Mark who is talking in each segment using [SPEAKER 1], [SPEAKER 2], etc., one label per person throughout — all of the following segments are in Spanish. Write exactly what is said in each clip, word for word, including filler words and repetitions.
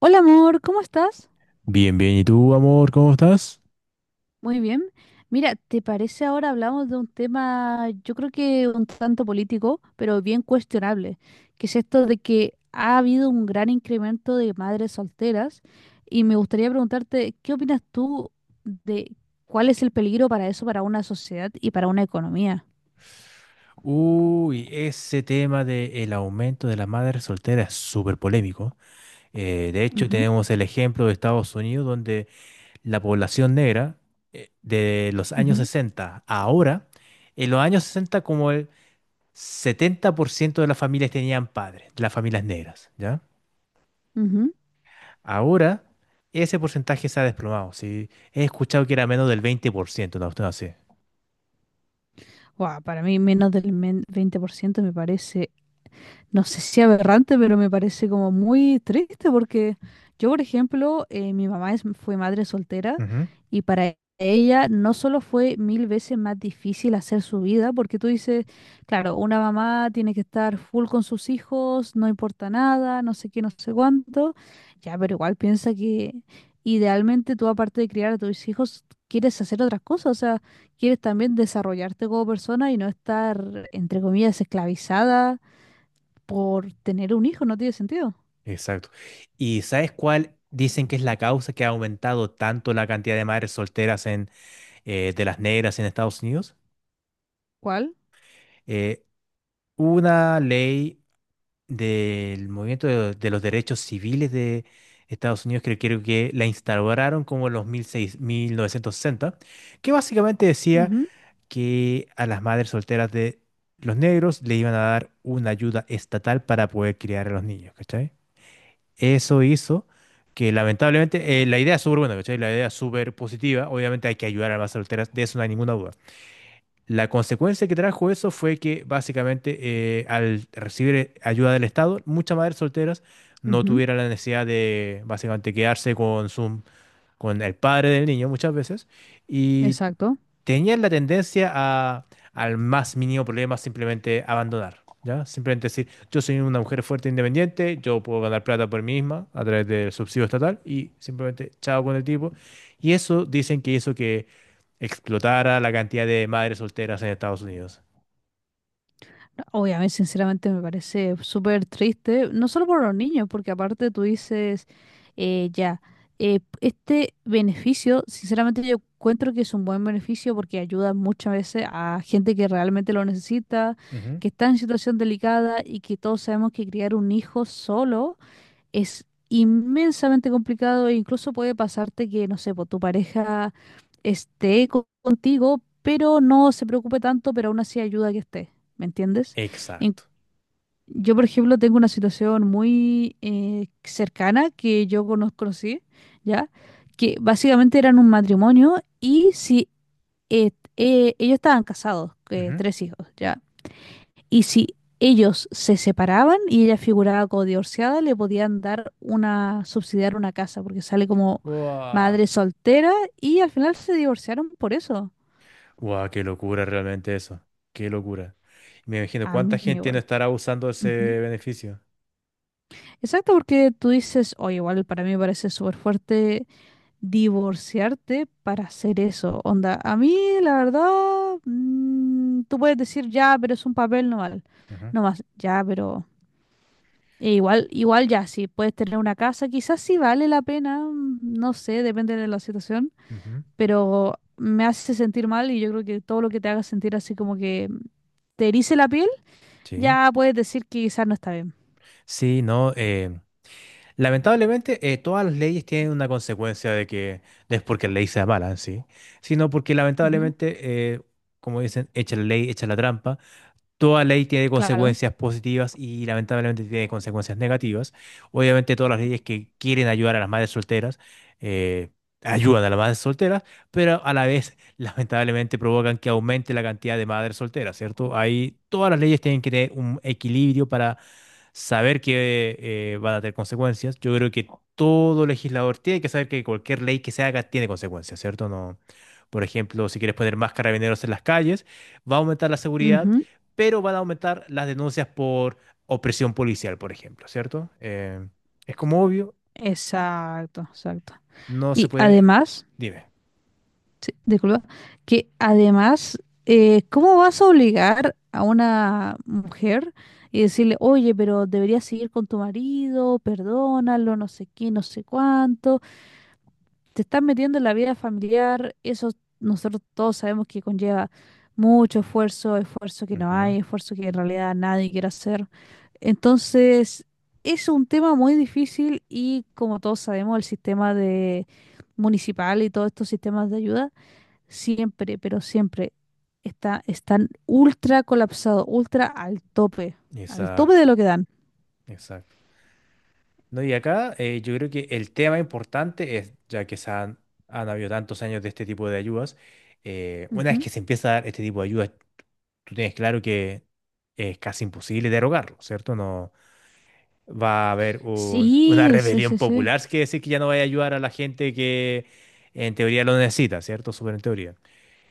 [SPEAKER 1] Hola amor, ¿cómo estás?
[SPEAKER 2] Bien, bien. ¿Y tú, amor, cómo estás?
[SPEAKER 1] Muy bien. Mira, ¿te parece ahora hablamos de un tema, yo creo que un tanto político, pero bien cuestionable, que es esto de que ha habido un gran incremento de madres solteras y me gustaría preguntarte, ¿qué opinas tú de cuál es el peligro para eso, para una sociedad y para una economía?
[SPEAKER 2] Uy, ese tema del aumento de la madre soltera es súper polémico. Eh, de hecho,
[SPEAKER 1] Ujú,
[SPEAKER 2] tenemos el ejemplo de Estados Unidos, donde la población negra eh, de los años
[SPEAKER 1] ujú,
[SPEAKER 2] sesenta a ahora, en los años sesenta como el setenta por ciento de las familias tenían padres, de las familias negras, ¿ya?
[SPEAKER 1] ujú.
[SPEAKER 2] Ahora ese porcentaje se ha desplomado, ¿sí? He escuchado que era menos del veinte por ciento, una cuestión así.
[SPEAKER 1] Guau, para mí menos del men- veinte por ciento me parece no sé si aberrante, pero me parece como muy triste porque yo, por ejemplo, eh, mi mamá es- fue madre soltera
[SPEAKER 2] Ujú.
[SPEAKER 1] y para ella no solo fue mil veces más difícil hacer su vida, porque tú dices, claro, una mamá tiene que estar full con sus hijos, no importa nada, no sé qué, no sé cuánto, ya, pero igual piensa que idealmente tú, aparte de criar a tus hijos, quieres hacer otras cosas, o sea, quieres también desarrollarte como persona y no estar, entre comillas, esclavizada por tener un hijo, no tiene sentido.
[SPEAKER 2] Exacto. ¿Y sabes cuál dicen que es la causa que ha aumentado tanto la cantidad de madres solteras en, eh, de las negras en Estados Unidos?
[SPEAKER 1] ¿Cuál?
[SPEAKER 2] Eh, una ley del movimiento de, de los derechos civiles de Estados Unidos, que creo que la instauraron como en los mil mil seis mil novecientos sesenta, que básicamente decía
[SPEAKER 1] Ujú,
[SPEAKER 2] que a las madres solteras de los negros le iban a dar una ayuda estatal para poder criar a los niños, ¿cachai? Eso hizo que lamentablemente, eh, la idea es súper buena, ¿cachai? La idea es súper positiva, obviamente hay que ayudar a las madres solteras, de eso no hay ninguna duda. La consecuencia que trajo eso fue que básicamente eh, al recibir eh, ayuda del Estado, muchas madres solteras no
[SPEAKER 1] ujú,
[SPEAKER 2] tuvieran la necesidad de básicamente quedarse con su, con el padre del niño muchas veces, y
[SPEAKER 1] exacto.
[SPEAKER 2] tenían la tendencia a, al más mínimo problema, simplemente abandonar, ¿ya? Simplemente decir, yo soy una mujer fuerte e independiente, yo puedo ganar plata por mí misma a través del subsidio estatal y simplemente chao con el tipo. Y eso dicen que hizo que explotara la cantidad de madres solteras en Estados Unidos.
[SPEAKER 1] Obviamente, sinceramente, me parece súper triste, no solo por los niños, porque aparte tú dices, eh, ya, eh, este beneficio, sinceramente yo encuentro que es un buen beneficio porque ayuda muchas veces a gente que realmente lo necesita,
[SPEAKER 2] Ujú.
[SPEAKER 1] que está en situación delicada y que todos sabemos que criar un hijo solo es inmensamente complicado e incluso puede pasarte que, no sé, po, tu pareja esté co- contigo, pero no se preocupe tanto, pero aún así ayuda a que esté, ¿me entiendes? En-
[SPEAKER 2] Exacto.
[SPEAKER 1] yo, por ejemplo, tengo una situación muy eh, cercana que yo cono- conocí, ¿ya? Que básicamente eran un matrimonio y si eh, eh, ellos estaban casados, eh,
[SPEAKER 2] Ujú.
[SPEAKER 1] tres hijos, ¿ya? Y si ellos se separaban y ella figuraba como divorciada, le podían dar una, subsidiar una casa, porque sale como
[SPEAKER 2] Guau.
[SPEAKER 1] madre soltera y al final se divorciaron por eso.
[SPEAKER 2] Guau, qué locura realmente eso. Qué locura. Me imagino
[SPEAKER 1] A
[SPEAKER 2] cuánta
[SPEAKER 1] mí
[SPEAKER 2] gente no
[SPEAKER 1] igual.
[SPEAKER 2] estará usando ese
[SPEAKER 1] Ujú.
[SPEAKER 2] beneficio.
[SPEAKER 1] Exacto, porque tú dices, oye, igual para mí me parece súper fuerte divorciarte para hacer eso. Onda, a mí la verdad, mm, tú puedes decir, ya, pero es un papel no mal.
[SPEAKER 2] Ujú,
[SPEAKER 1] No más, ya, pero E igual, igual ya, si puedes tener una casa, quizás sí vale la pena, mm, no sé, depende de la situación,
[SPEAKER 2] ujú.
[SPEAKER 1] pero me hace sentir mal y yo creo que todo lo que te haga sentir así como que te erice la piel,
[SPEAKER 2] Sí.
[SPEAKER 1] ya puedes decir que quizás no está bien.
[SPEAKER 2] Sí, no. eh, lamentablemente, eh, todas las leyes tienen una consecuencia de que no es porque la ley sea mala en sí, sino porque
[SPEAKER 1] Ujú,
[SPEAKER 2] lamentablemente, eh, como dicen, echa la ley, echa la trampa. Toda ley tiene
[SPEAKER 1] claro.
[SPEAKER 2] consecuencias positivas y lamentablemente tiene consecuencias negativas. Obviamente todas las leyes que quieren ayudar a las madres solteras eh, ayudan a las madres solteras, pero a la vez lamentablemente provocan que aumente la cantidad de madres solteras, ¿cierto? Ahí todas las leyes tienen que tener un equilibrio para saber que eh, van a tener consecuencias. Yo creo que todo legislador tiene que saber que cualquier ley que se haga tiene consecuencias, ¿cierto? No, por ejemplo, si quieres poner más carabineros en las calles, va a aumentar la seguridad,
[SPEAKER 1] Ujú,
[SPEAKER 2] pero van a aumentar las denuncias por opresión policial, por ejemplo, ¿cierto? Eh, es como obvio,
[SPEAKER 1] exacto, exacto.
[SPEAKER 2] no se
[SPEAKER 1] Y
[SPEAKER 2] puede...
[SPEAKER 1] además,
[SPEAKER 2] Dime.
[SPEAKER 1] sí, disculpa. Que además, eh, ¿cómo vas a obligar a una mujer y decirle, oye, pero deberías seguir con tu marido, perdónalo, no sé qué, no sé cuánto? Te estás metiendo en la vida familiar, eso nosotros todos sabemos que conlleva mucho esfuerzo, esfuerzo que no
[SPEAKER 2] Ujú.
[SPEAKER 1] hay, esfuerzo que en realidad nadie quiere hacer. Entonces, es un tema muy difícil y como todos sabemos, el sistema de municipal y todos estos sistemas de ayuda siempre, pero siempre está, están ultra colapsados, ultra al tope, al tope
[SPEAKER 2] Exacto,
[SPEAKER 1] de lo que dan.
[SPEAKER 2] exacto. No, y acá eh, yo creo que el tema importante es, ya que se han, han habido tantos años de este tipo de ayudas, eh, una vez
[SPEAKER 1] Ujú.
[SPEAKER 2] que se empieza a dar este tipo de ayudas, tú tienes claro que es casi imposible derogarlo, ¿cierto? No, va a haber un- una
[SPEAKER 1] Sí, sí,
[SPEAKER 2] rebelión
[SPEAKER 1] sí, sí,
[SPEAKER 2] popular, es que decir que ya no va a ayudar a la gente que en teoría lo necesita, ¿cierto? Súper en teoría.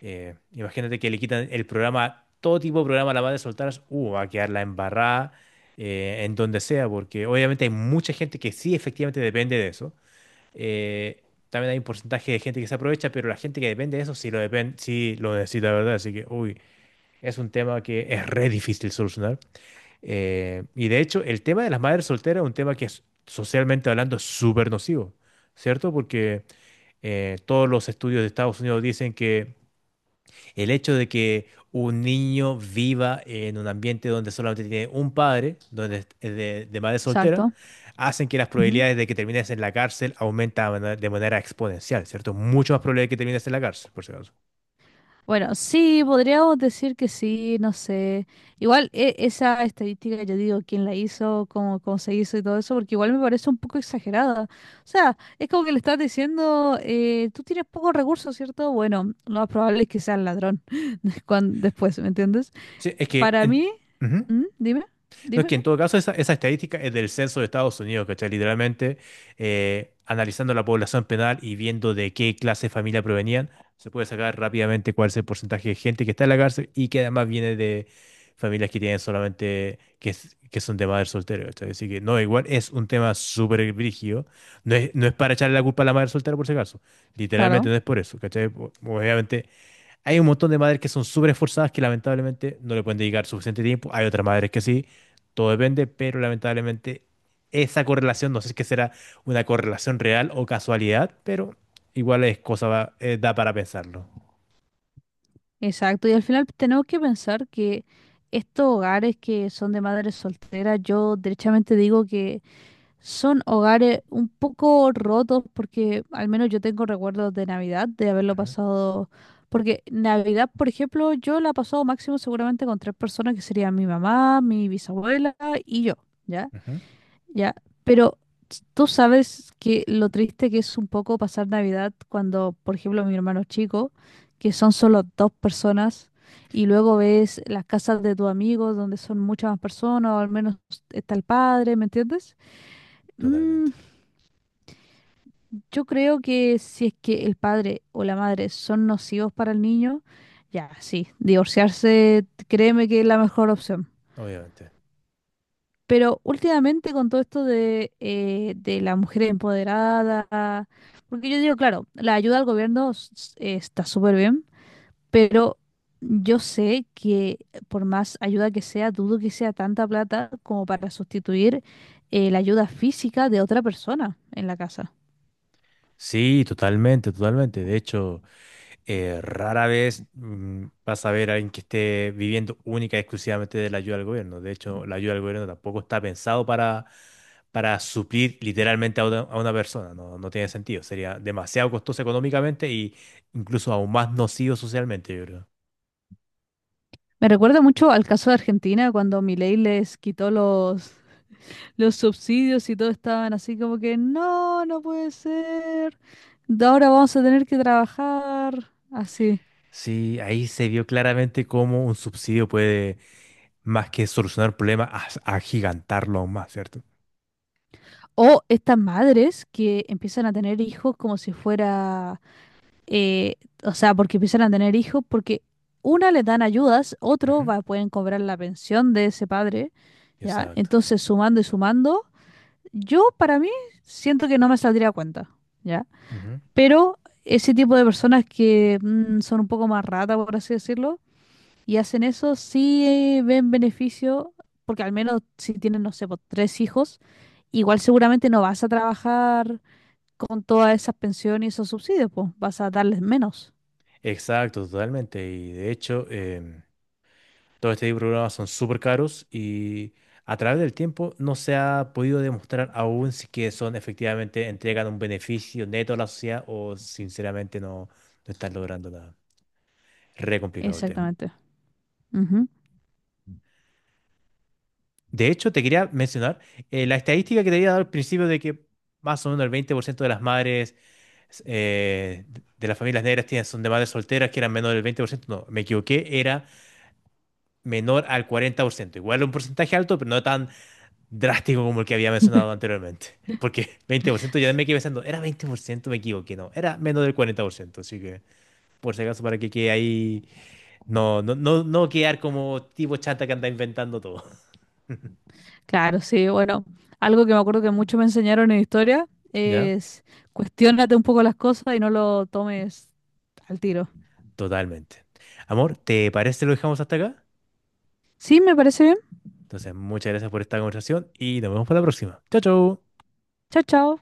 [SPEAKER 2] Eh, imagínate que le quitan el programa, todo tipo de programa a la madre soltera, uh, va a quedar la embarrada eh, en donde sea, porque obviamente hay mucha gente que sí efectivamente depende de eso. Eh, También hay un porcentaje de gente que se aprovecha, pero la gente que depende de eso sí lo, depen- sí lo necesita, ¿verdad? Así que, uy, es un tema que es re difícil solucionar. Eh, y de hecho, el tema de las madres solteras es un tema que es, socialmente hablando, es súper nocivo, ¿cierto? Porque eh, todos los estudios de Estados Unidos dicen que el hecho de que un niño viva en un ambiente donde solamente tiene un padre, donde es es de, de, madre soltera,
[SPEAKER 1] exacto.
[SPEAKER 2] hacen que las
[SPEAKER 1] Ujú.
[SPEAKER 2] probabilidades de que termines en la cárcel aumentan de manera de manera exponencial, ¿cierto? Mucho más probable que termines en la cárcel, por si acaso.
[SPEAKER 1] Bueno, sí, podríamos decir que sí, no sé. Igual e- esa estadística, yo digo, quién la hizo, cómo, cómo se hizo y todo eso, porque igual me parece un poco exagerada. O sea, es como que le estás diciendo, eh, tú tienes pocos recursos, ¿cierto? Bueno, lo más probable es que sea el ladrón cuan- después, ¿me entiendes?
[SPEAKER 2] Sí, es que
[SPEAKER 1] Para
[SPEAKER 2] en,
[SPEAKER 1] mí,
[SPEAKER 2] ujú.
[SPEAKER 1] ¿mm? Dime,
[SPEAKER 2] No, es
[SPEAKER 1] dime.
[SPEAKER 2] que en todo caso esa, esa estadística es del censo de Estados Unidos, ¿cachai? Literalmente eh, analizando la población penal y viendo de qué clase de familia provenían, se puede sacar rápidamente cuál es el porcentaje de gente que está en la cárcel y que además viene de familias que tienen solamente, que, es- que son de madre soltera, ¿cachai? Así que no, igual es un tema súper brígido. No es, no es para echarle la culpa a la madre soltera, por si acaso. Literalmente
[SPEAKER 1] Claro,
[SPEAKER 2] no es por eso, ¿cachai? Obviamente hay un montón de madres que son súper esforzadas que lamentablemente no le pueden dedicar suficiente tiempo. Hay otras madres que sí, todo depende, pero lamentablemente esa correlación, no sé si es que será una correlación real o casualidad, pero igual es cosa, va- eh, da para pensarlo.
[SPEAKER 1] exacto. Y al final tenemos que pensar que estos hogares que son de madres solteras, yo derechamente digo que son hogares un poco rotos porque al menos yo tengo recuerdos de Navidad, de haberlo
[SPEAKER 2] Ujú,
[SPEAKER 1] pasado. Porque Navidad, por ejemplo, yo la he pasado máximo seguramente con tres personas que serían mi mamá, mi bisabuela y yo, ¿ya?
[SPEAKER 2] ujú.
[SPEAKER 1] Ya, pero tú sabes que lo triste que es un poco pasar Navidad cuando, por ejemplo, mi hermano chico, que son solo dos personas, y luego ves las casas de tus amigos donde son muchas más personas, o al menos está el padre, ¿me entiendes? Mm.
[SPEAKER 2] Totalmente,
[SPEAKER 1] Yo creo que si es que el padre o la madre son nocivos para el niño, ya, sí, divorciarse, créeme que es la mejor opción.
[SPEAKER 2] obviamente.
[SPEAKER 1] Pero últimamente con todo esto de, eh, de la mujer empoderada, porque yo digo, claro, la ayuda al gobierno s- s- eh, está súper bien, pero yo sé que por más ayuda que sea, dudo que sea tanta plata como para sustituir eh, la ayuda física de otra persona en la casa.
[SPEAKER 2] Sí, totalmente, totalmente. De hecho, eh, rara vez mm, vas a ver a alguien que esté viviendo única y exclusivamente de la ayuda del gobierno. De hecho, la ayuda del gobierno tampoco está pensado para, para suplir literalmente a una, a una persona. No, no tiene sentido. Sería demasiado costoso económicamente y incluso aún más nocivo socialmente, yo creo.
[SPEAKER 1] Me recuerda mucho al caso de Argentina cuando Milei les quitó los, los subsidios y todo estaban así como que no, no puede ser. De Ahora vamos a tener que trabajar así.
[SPEAKER 2] Sí, ahí se vio claramente cómo un subsidio puede, más que solucionar problemas, as- agigantarlo aún más, ¿cierto?
[SPEAKER 1] O estas madres que empiezan a tener hijos como si fuera, eh, o sea, porque empiezan a tener hijos porque una le dan ayudas, otro
[SPEAKER 2] Ujú.
[SPEAKER 1] va, pueden cobrar la pensión de ese padre, ¿ya?
[SPEAKER 2] Exacto.
[SPEAKER 1] Entonces, sumando y sumando, yo para mí siento que no me saldría a cuenta, ¿ya?
[SPEAKER 2] Ujú.
[SPEAKER 1] Pero ese tipo de personas que mm, son un poco más ratas, por así decirlo, y hacen eso, sí eh, ven beneficio, porque al menos si tienen, no sé, po, tres hijos, igual seguramente no vas a trabajar con todas esas pensiones y esos subsidios, pues vas a darles menos.
[SPEAKER 2] Exacto, totalmente. Y de hecho, em, todo este tipo de programas son súper caros y a través del tiempo no se ha podido demostrar aún si que son efectivamente entregan un beneficio neto a la sociedad o sinceramente no, no están logrando nada. Re complicado el tema.
[SPEAKER 1] Exactamente. Ujú.
[SPEAKER 2] De hecho, te quería mencionar eh, la estadística que te había dado al principio de que más o menos el veinte por ciento de las madres eh, de las familias negras tienen, son de madres solteras, que eran menor del veinte por ciento. No, me equivoqué, era menor al cuarenta por ciento. Igual un porcentaje alto, pero no tan drástico como el que había mencionado anteriormente. Porque veinte por ciento ya me quedé pensando, era veinte por ciento, me equivoqué, no, era menos del cuarenta por ciento, así que por si acaso, para que quede ahí, no, no, no, no quedar como tipo chata que anda inventando todo.
[SPEAKER 1] Claro, sí, bueno, algo que me acuerdo que mucho me enseñaron en historia
[SPEAKER 2] ¿Ya?
[SPEAKER 1] es cuestiónate un poco las cosas y no lo tomes al tiro.
[SPEAKER 2] Totalmente. Amor, ¿te parece si lo dejamos hasta acá?
[SPEAKER 1] Sí, me parece bien.
[SPEAKER 2] Entonces, muchas gracias por esta conversación y nos vemos para la próxima. Chao, chao.
[SPEAKER 1] Chao, chao.